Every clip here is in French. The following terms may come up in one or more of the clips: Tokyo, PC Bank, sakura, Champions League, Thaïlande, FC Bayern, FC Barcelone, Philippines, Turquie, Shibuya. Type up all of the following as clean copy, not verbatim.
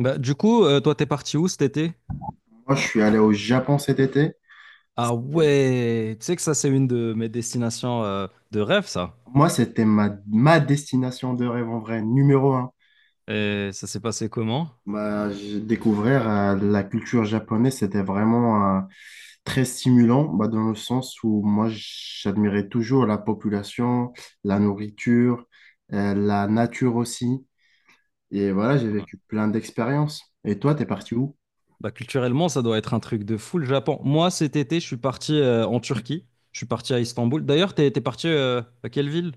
Bah, du coup, toi, t'es parti où cet été? Moi, je suis allé au Japon cet été. Ah ouais, tu sais que ça, c'est une de mes destinations de rêve, ça. Moi, c'était ma destination de rêve en vrai, numéro un. Et ça s'est passé comment? Découvrir la culture japonaise, c'était vraiment très stimulant, bah, dans le sens où moi, j'admirais toujours la population, la nourriture, la nature aussi. Et voilà, j'ai Ouais. vécu plein d'expériences. Et toi, t'es parti où? Bah, culturellement, ça doit être un truc de fou, le Japon. Moi, cet été, je suis parti en Turquie. Je suis parti à Istanbul. D'ailleurs, t'es parti à quelle ville?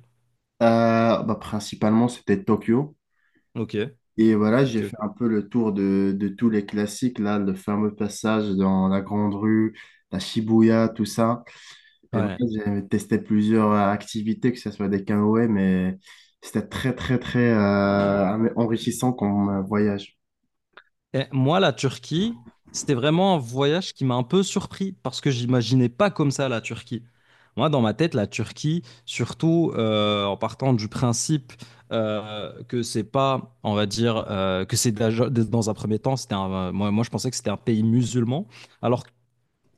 Principalement, c'était Tokyo. Ok, Et voilà, ok, j'ai ok. fait un peu le tour de tous les classiques, là, le fameux passage dans la Grande Rue, la Shibuya, tout ça. Et voilà, Ouais. j'ai testé plusieurs activités, que ce soit des canoës, mais c'était très, très, très enrichissant comme voyage. Et moi, la Turquie, c'était vraiment un voyage qui m'a un peu surpris parce que j'imaginais pas comme ça la Turquie. Moi, dans ma tête, la Turquie, surtout en partant du principe que c'est pas, on va dire, que c'est dans un premier temps, moi, je pensais que c'était un pays musulman, alors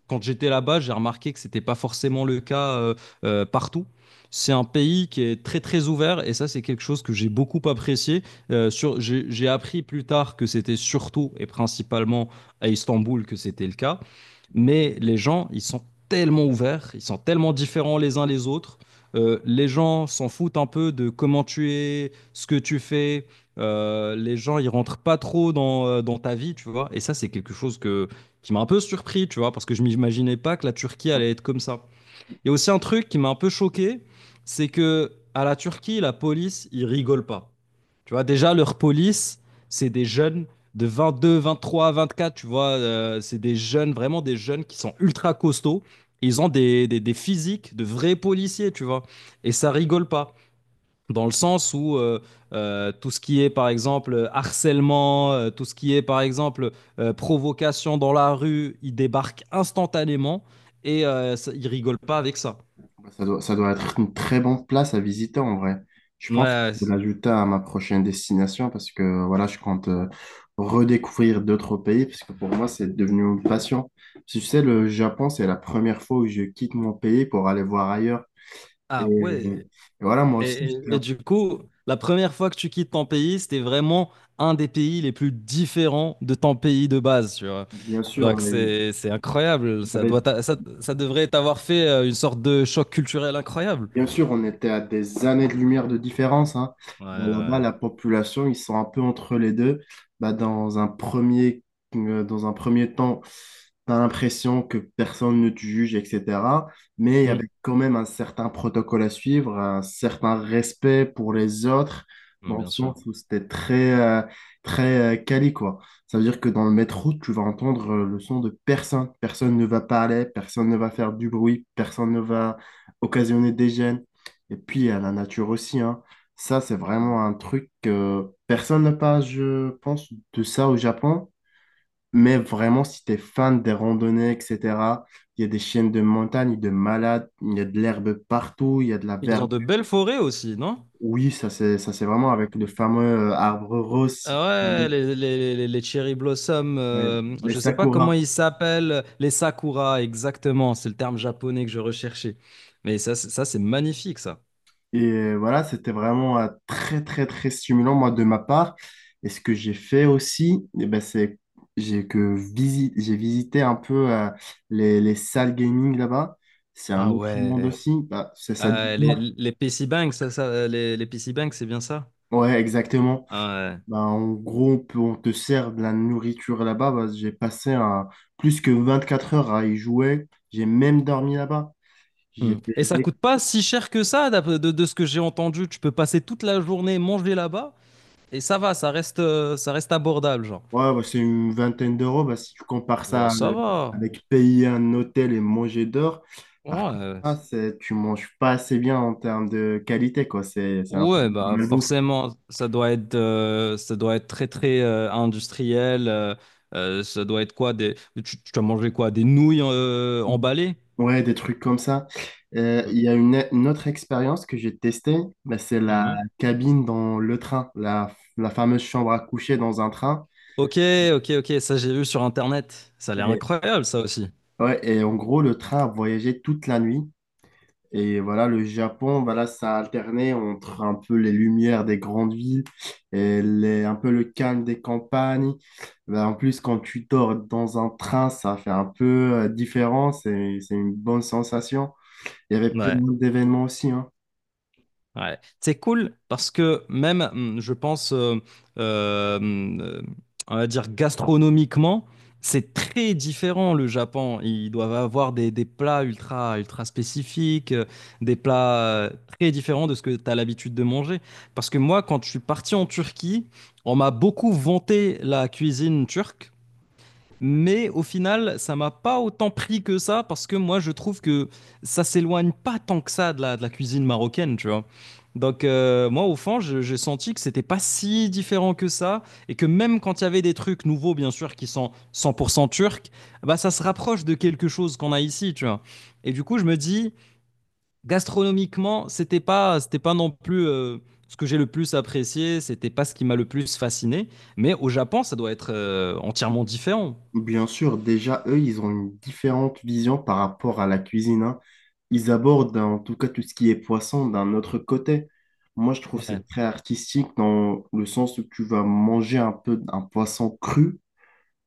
quand j'étais là-bas, j'ai remarqué que c'était pas forcément le cas partout. C'est un pays qui est très très ouvert et ça c'est quelque chose que j'ai beaucoup apprécié. J'ai appris plus tard que c'était surtout et principalement à Istanbul que c'était le cas, mais les gens ils sont tellement ouverts, ils sont tellement différents les uns les autres. Les gens s'en foutent un peu de comment tu es, ce que tu fais. Les gens ils rentrent pas trop dans ta vie, tu vois. Et ça c'est quelque chose que qui m'a un peu surpris, tu vois, parce que je m'imaginais pas que la Turquie allait être comme ça. Il y a aussi un truc qui m'a un peu choqué, c'est que à la Turquie, la police, ils rigolent pas. Tu vois, déjà, leur police, c'est des jeunes de 22, 23, 24, tu vois, c'est des jeunes, vraiment des jeunes qui sont ultra costauds. Ils ont des physiques de vrais policiers, tu vois, et ça rigole pas dans le sens où tout ce qui est par exemple harcèlement, tout ce qui est par exemple provocation dans la rue, il débarque instantanément et il rigole pas avec ça. Bah, ça doit être une très bonne place à visiter en vrai. Je pense que je vais Ouais. l'ajouter à ma prochaine destination parce que voilà, je compte redécouvrir d'autres pays parce que pour moi, c'est devenu une passion. Parce que, tu sais, le Japon, c'est la première fois où je quitte mon pays pour aller voir ailleurs. Et, Ah et ouais. voilà, moi Et, aussi, et- et du coup, la première fois que tu quittes ton pays, c'était vraiment un des pays les plus différents de ton pays de base, tu vois. bien sûr, Donc c'est incroyable. il y Ça doit avait t'a- ça, ça devrait t'avoir fait une sorte de choc culturel incroyable. bien sûr, on était à des années-lumière de différence, hein. Ouais, Bah, là-bas, ouais. la population, ils sont un peu entre les deux. Bah, dans un premier, Dans un premier temps, tu l'impression que personne ne te juge, etc. Mais il y Ouais. avait quand même un certain protocole à suivre, un certain respect pour les autres, Mm. Mm, dans le bien sens sûr. où c'était très quali, quoi. Ça veut dire que dans le métro, tu vas entendre le son de personne. Personne ne va parler, personne ne va faire du bruit, personne ne va occasionner des gènes. Et puis, à la nature aussi, hein. Ça, c'est vraiment un truc que personne ne parle, je pense, de ça au Japon. Mais vraiment, si tu es fan des randonnées, etc., il y a des chaînes de montagne, de malades, il y a de l'herbe partout, il y a de la Ils ont de verdure. belles forêts aussi, non? Oui, c'est vraiment avec le fameux arbre rose, si tu Ah ouais, connais, les cherry blossoms, ouais, les je sais pas comment sakuras. ils s'appellent, les sakura, exactement, c'est le terme japonais que je recherchais. Mais ça, ça c'est magnifique, ça. Et voilà, c'était vraiment très, très, très stimulant, moi, de ma part. Et ce que j'ai fait aussi, eh ben, c'est j'ai visité un peu les salles gaming là-bas. C'est un Ah autre monde ouais. aussi. Bah, c'est ça. Les PC Bank, les PC Bank, c'est bien ça? Ouais, exactement. Ah ouais. Bah, en gros, on te sert de la nourriture là-bas. Plus que 24 heures à y jouer. J'ai même dormi là-bas. J'ai Mm. Et ça fait coûte pas si cher que ça, de ce que j'ai entendu. Tu peux passer toute la journée manger là-bas et ça va, ça reste abordable, genre. ouais, bah, c'est une vingtaine d'euros. Bah, si tu compares Ouais, ça ça va. avec payer un hôtel et manger dehors, par contre, Ouais. Tu manges pas assez bien en termes de qualité, quoi. C'est un peu Ouais, de la bah malbouffe. forcément, ça doit être très très industriel. Ça doit être quoi tu as mangé quoi des nouilles emballées? Ouais, des trucs comme ça. Mm. Il y a une autre expérience que j'ai testée, bah, c'est la Mhm. cabine dans le train, la fameuse chambre à coucher dans un train. Ok, ok, ok. Ça j'ai vu sur Internet. Ça a l'air Et incroyable, ça aussi. ouais, et en gros, le train a voyagé toute la nuit. Et voilà, le Japon, voilà, ça a alterné entre un peu les lumières des grandes villes et un peu le calme des campagnes. Ben, en plus, quand tu dors dans un train, ça fait un peu différent. C'est une bonne sensation. Il y avait plein Ouais. d'événements aussi, hein. Ouais. C'est cool parce que même, je pense, euh, hum, euh, on va dire gastronomiquement, c'est très différent le Japon. Ils doivent avoir des plats ultra, ultra spécifiques, des plats très différents de ce que tu as l'habitude de manger. Parce que moi, quand je suis parti en Turquie, on m'a beaucoup vanté la cuisine turque. Mais au final, ça m'a pas autant pris que ça parce que moi, je trouve que ça s'éloigne pas tant que ça de la cuisine marocaine, tu vois. Donc moi, au fond, j'ai senti que c'était pas si différent que ça et que même quand il y avait des trucs nouveaux, bien sûr, qui sont 100% turcs, bah ça se rapproche de quelque chose qu'on a ici, tu vois. Et du coup, je me dis, gastronomiquement, c'était pas non plus ce que j'ai le plus apprécié, c'était pas ce qui m'a le plus fasciné. Mais au Japon, ça doit être entièrement différent. Bien sûr, déjà, eux, ils ont une différente vision par rapport à la cuisine, hein. Ils abordent, en tout cas, tout ce qui est poisson d'un autre côté. Moi, je trouve Ouais. c'est très artistique dans le sens où tu vas manger un peu un poisson cru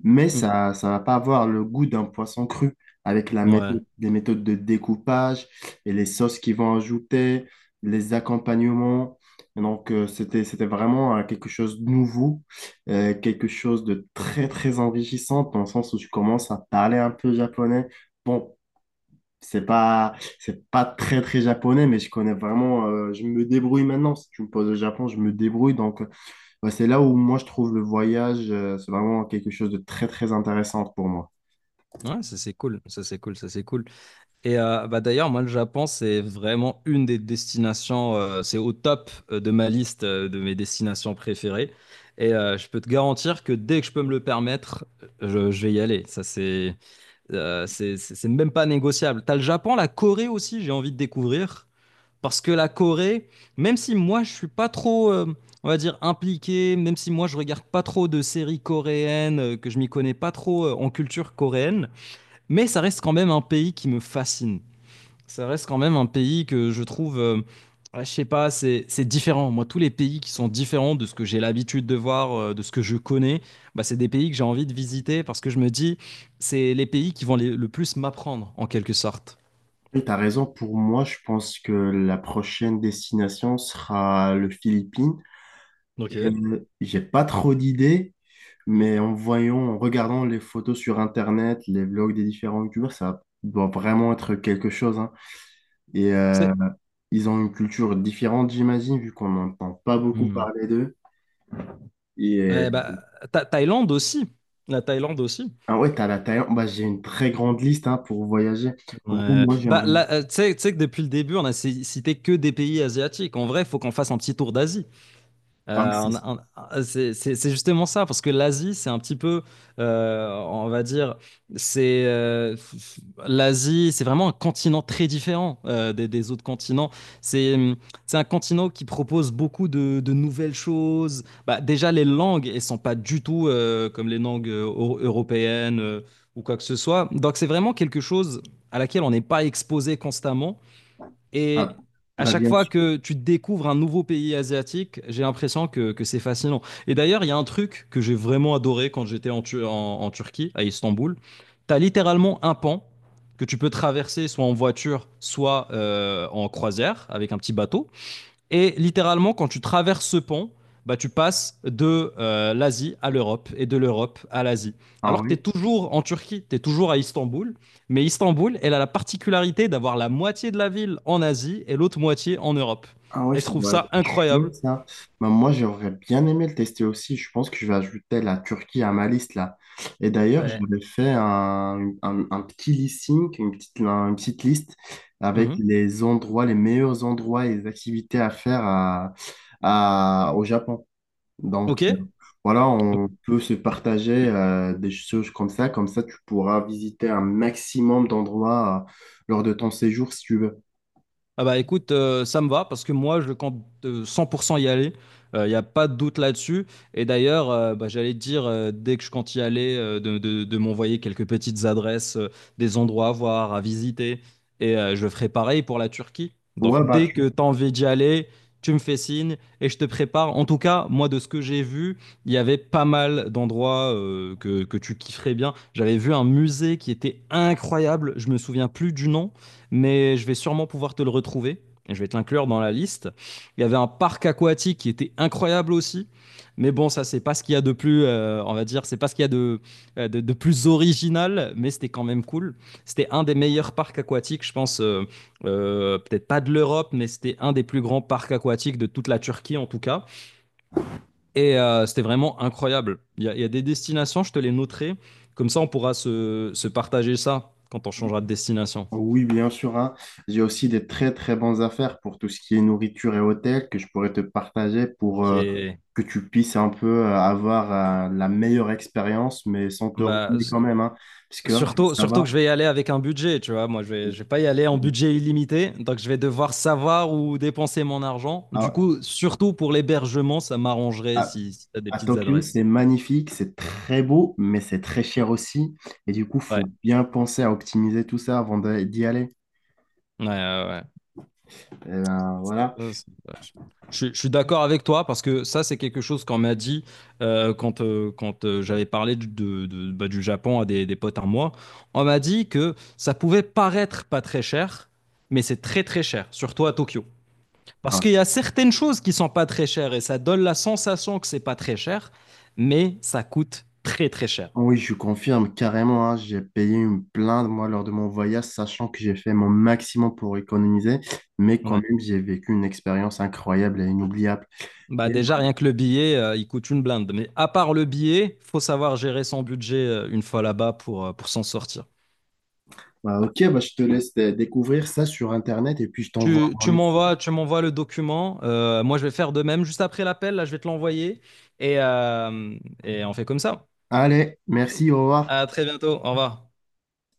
mais Mm. ça va pas avoir le goût d'un poisson cru avec Ouais, les méthodes de découpage et les sauces qu'ils vont ajouter, les accompagnements. Et donc, c'était vraiment quelque chose de nouveau, quelque chose de très, très enrichissant dans le sens où je commence à parler un peu japonais. Bon, c'est pas très, très japonais, mais je connais vraiment, je me débrouille maintenant. Si tu me poses au Japon, je me débrouille. Donc, ouais, c'est là où moi je trouve le voyage, c'est vraiment quelque chose de très très intéressant pour moi. ouais, ça c'est cool, ça c'est cool, ça c'est cool. Et bah d'ailleurs, moi le Japon c'est vraiment une des destinations, c'est au top de ma liste de mes destinations préférées. Et je peux te garantir que dès que je peux me le permettre, je vais y aller. Ça c'est même pas négociable. T'as le Japon, la Corée aussi, j'ai envie de découvrir. Parce que la Corée, même si moi je suis pas trop, on va dire, impliqué, même si moi je regarde pas trop de séries coréennes, que je m'y connais pas trop en culture coréenne, mais ça reste quand même un pays qui me fascine. Ça reste quand même un pays que je trouve, ouais, je sais pas, c'est différent. Moi, tous les pays qui sont différents de ce que j'ai l'habitude de voir, de ce que je connais, bah, c'est des pays que j'ai envie de visiter parce que je me dis, c'est les pays qui vont le plus m'apprendre en quelque sorte. Et t'as raison, pour moi je pense que la prochaine destination sera le Philippines. Ok. J'ai pas trop d'idées, mais en voyant, en regardant les photos sur Internet, les vlogs des différents youtubeurs, ça doit vraiment être quelque chose, hein. Et C'est- ils ont une culture différente, j'imagine, vu qu'on n'entend pas beaucoup parler d'eux. Et Ouais, bah, Thaïlande aussi. La Thaïlande aussi. ah ouais, t'as la Thaïlande. Bah, j'ai une très grande liste hein, pour voyager. En gros, Ouais. moi, Bah, j'aimerais là, tu sais que depuis le début, on a cité que des pays asiatiques. En vrai, il faut qu'on fasse un petit tour d'Asie. ah, mais Euh, on- c'est- a- c'est justement ça, parce que l'Asie, c'est un petit peu, on va dire, c'est euh, f- l'Asie, c'est vraiment un continent très différent des autres continents. C'est hum, c'est un continent qui propose beaucoup de nouvelles choses. Bah, déjà, les langues, elles sont pas du tout comme les langues européennes ou quoi que ce soit. Donc, c'est vraiment quelque chose à laquelle on n'est pas exposé constamment. ah, Et à bah chaque bien fois sûr. que tu découvres un nouveau pays asiatique, j'ai l'impression que c'est fascinant. Et d'ailleurs, il y a un truc que j'ai vraiment adoré quand j'étais en Turquie, à Istanbul. Tu as littéralement un pan que tu peux traverser soit en voiture, soit en croisière avec un petit bateau. Et littéralement, quand tu traverses ce pont, bah, tu passes de l'Asie à l'Europe et de l'Europe à l'Asie. Ah Alors que tu es ouais. toujours en Turquie, tu es toujours à Istanbul, mais Istanbul, elle a la particularité d'avoir la moitié de la ville en Asie et l'autre moitié en Europe. Ah ouais, Et je ça trouve doit être ça chaud, incroyable. ça. Bah, moi, j'aurais bien aimé le tester aussi. Je pense que je vais ajouter la Turquie à ma liste, là. Et d'ailleurs, Ouais. j'avais fait un petit listing, une petite liste avec Mhm. les endroits, les meilleurs endroits et les activités à faire à, au Japon. Ok? Donc, Ok. voilà, on peut se partager des choses comme ça. Comme ça, tu pourras visiter un maximum d'endroits lors de ton séjour, si tu veux. Ah bah écoute, ça me va parce que moi je compte 100% y aller. Il n'y a pas de doute là-dessus. Et d'ailleurs, bah, j'allais te dire, dès que je compte y aller, de m'envoyer quelques petites adresses, des endroits à voir, à visiter. Et je ferai pareil pour la Turquie. Donc Ouais, bah, dès tu- que tu as envie d'y aller, tu me fais signe et je te prépare. En tout cas, moi de ce que j'ai vu, il y avait pas mal d'endroits que tu kifferais bien. J'avais vu un musée qui était incroyable. Je me souviens plus du nom mais je vais sûrement pouvoir te le retrouver. Je vais te l'inclure dans la liste. Il y avait un parc aquatique qui était incroyable aussi. Mais bon, ça, c'est pas ce qu'il y a de plus, on va dire, c'est pas ce qu'il y a de plus original, mais c'était quand même cool. C'était un des meilleurs parcs aquatiques, je pense, peut-être pas de l'Europe, mais c'était un des plus grands parcs aquatiques de toute la Turquie, en tout cas. Et c'était vraiment incroyable. Il y a des destinations, je te les noterai, comme ça, on pourra se partager ça quand on changera de destination. Oui, bien sûr, hein. J'ai aussi des très, très bonnes affaires pour tout ce qui est nourriture et hôtel que je pourrais te partager pour Ok. Que tu puisses un peu avoir la meilleure expérience, mais sans te Bah, ruiner quand même, hein. Parce que hein, surtout, ça surtout va, que je vais y aller avec un budget, tu vois. Moi, je vais pas y aller en budget illimité, donc je vais devoir savoir où dépenser mon argent. Du à, coup, surtout pour l'hébergement, ça m'arrangerait à- si tu des à petites Tokyo, adresses. c'est magnifique, c'est très beau, mais c'est très cher aussi. Et du coup, faut Ouais, bien penser à optimiser tout ça d'y aller. ouais, ouais. Et ben, voilà. Ouais. Ça, je suis d'accord avec toi parce que ça, c'est quelque chose qu'on m'a dit quand j'avais parlé du, de- bah, du Japon à des potes à moi. On m'a dit que ça pouvait paraître pas très cher, mais c'est très très cher, surtout à Tokyo. Parce Enfin, qu'il y a certaines choses qui sont pas très chères et ça donne la sensation que c'est pas très cher, mais ça coûte très très cher. oui, je confirme carrément, hein, j'ai payé une plainte moi lors de mon voyage, sachant que j'ai fait mon maximum pour économiser, mais quand Ouais. même j'ai vécu une expérience incroyable et inoubliable. Bah Et déjà, rien que le billet, il coûte une blinde. Mais à part le billet, faut savoir gérer son budget une fois là-bas pour s'en sortir. bah, ok, bah, je te laisse découvrir ça sur Internet et puis je t'envoie Tu, en tu liste. m'envoies, tu m'envoies le document. Moi, je vais faire de même juste après l'appel. Là, je vais te l'envoyer et, euh, et on fait comme ça. Allez, merci, au revoir. À très bientôt. Au revoir.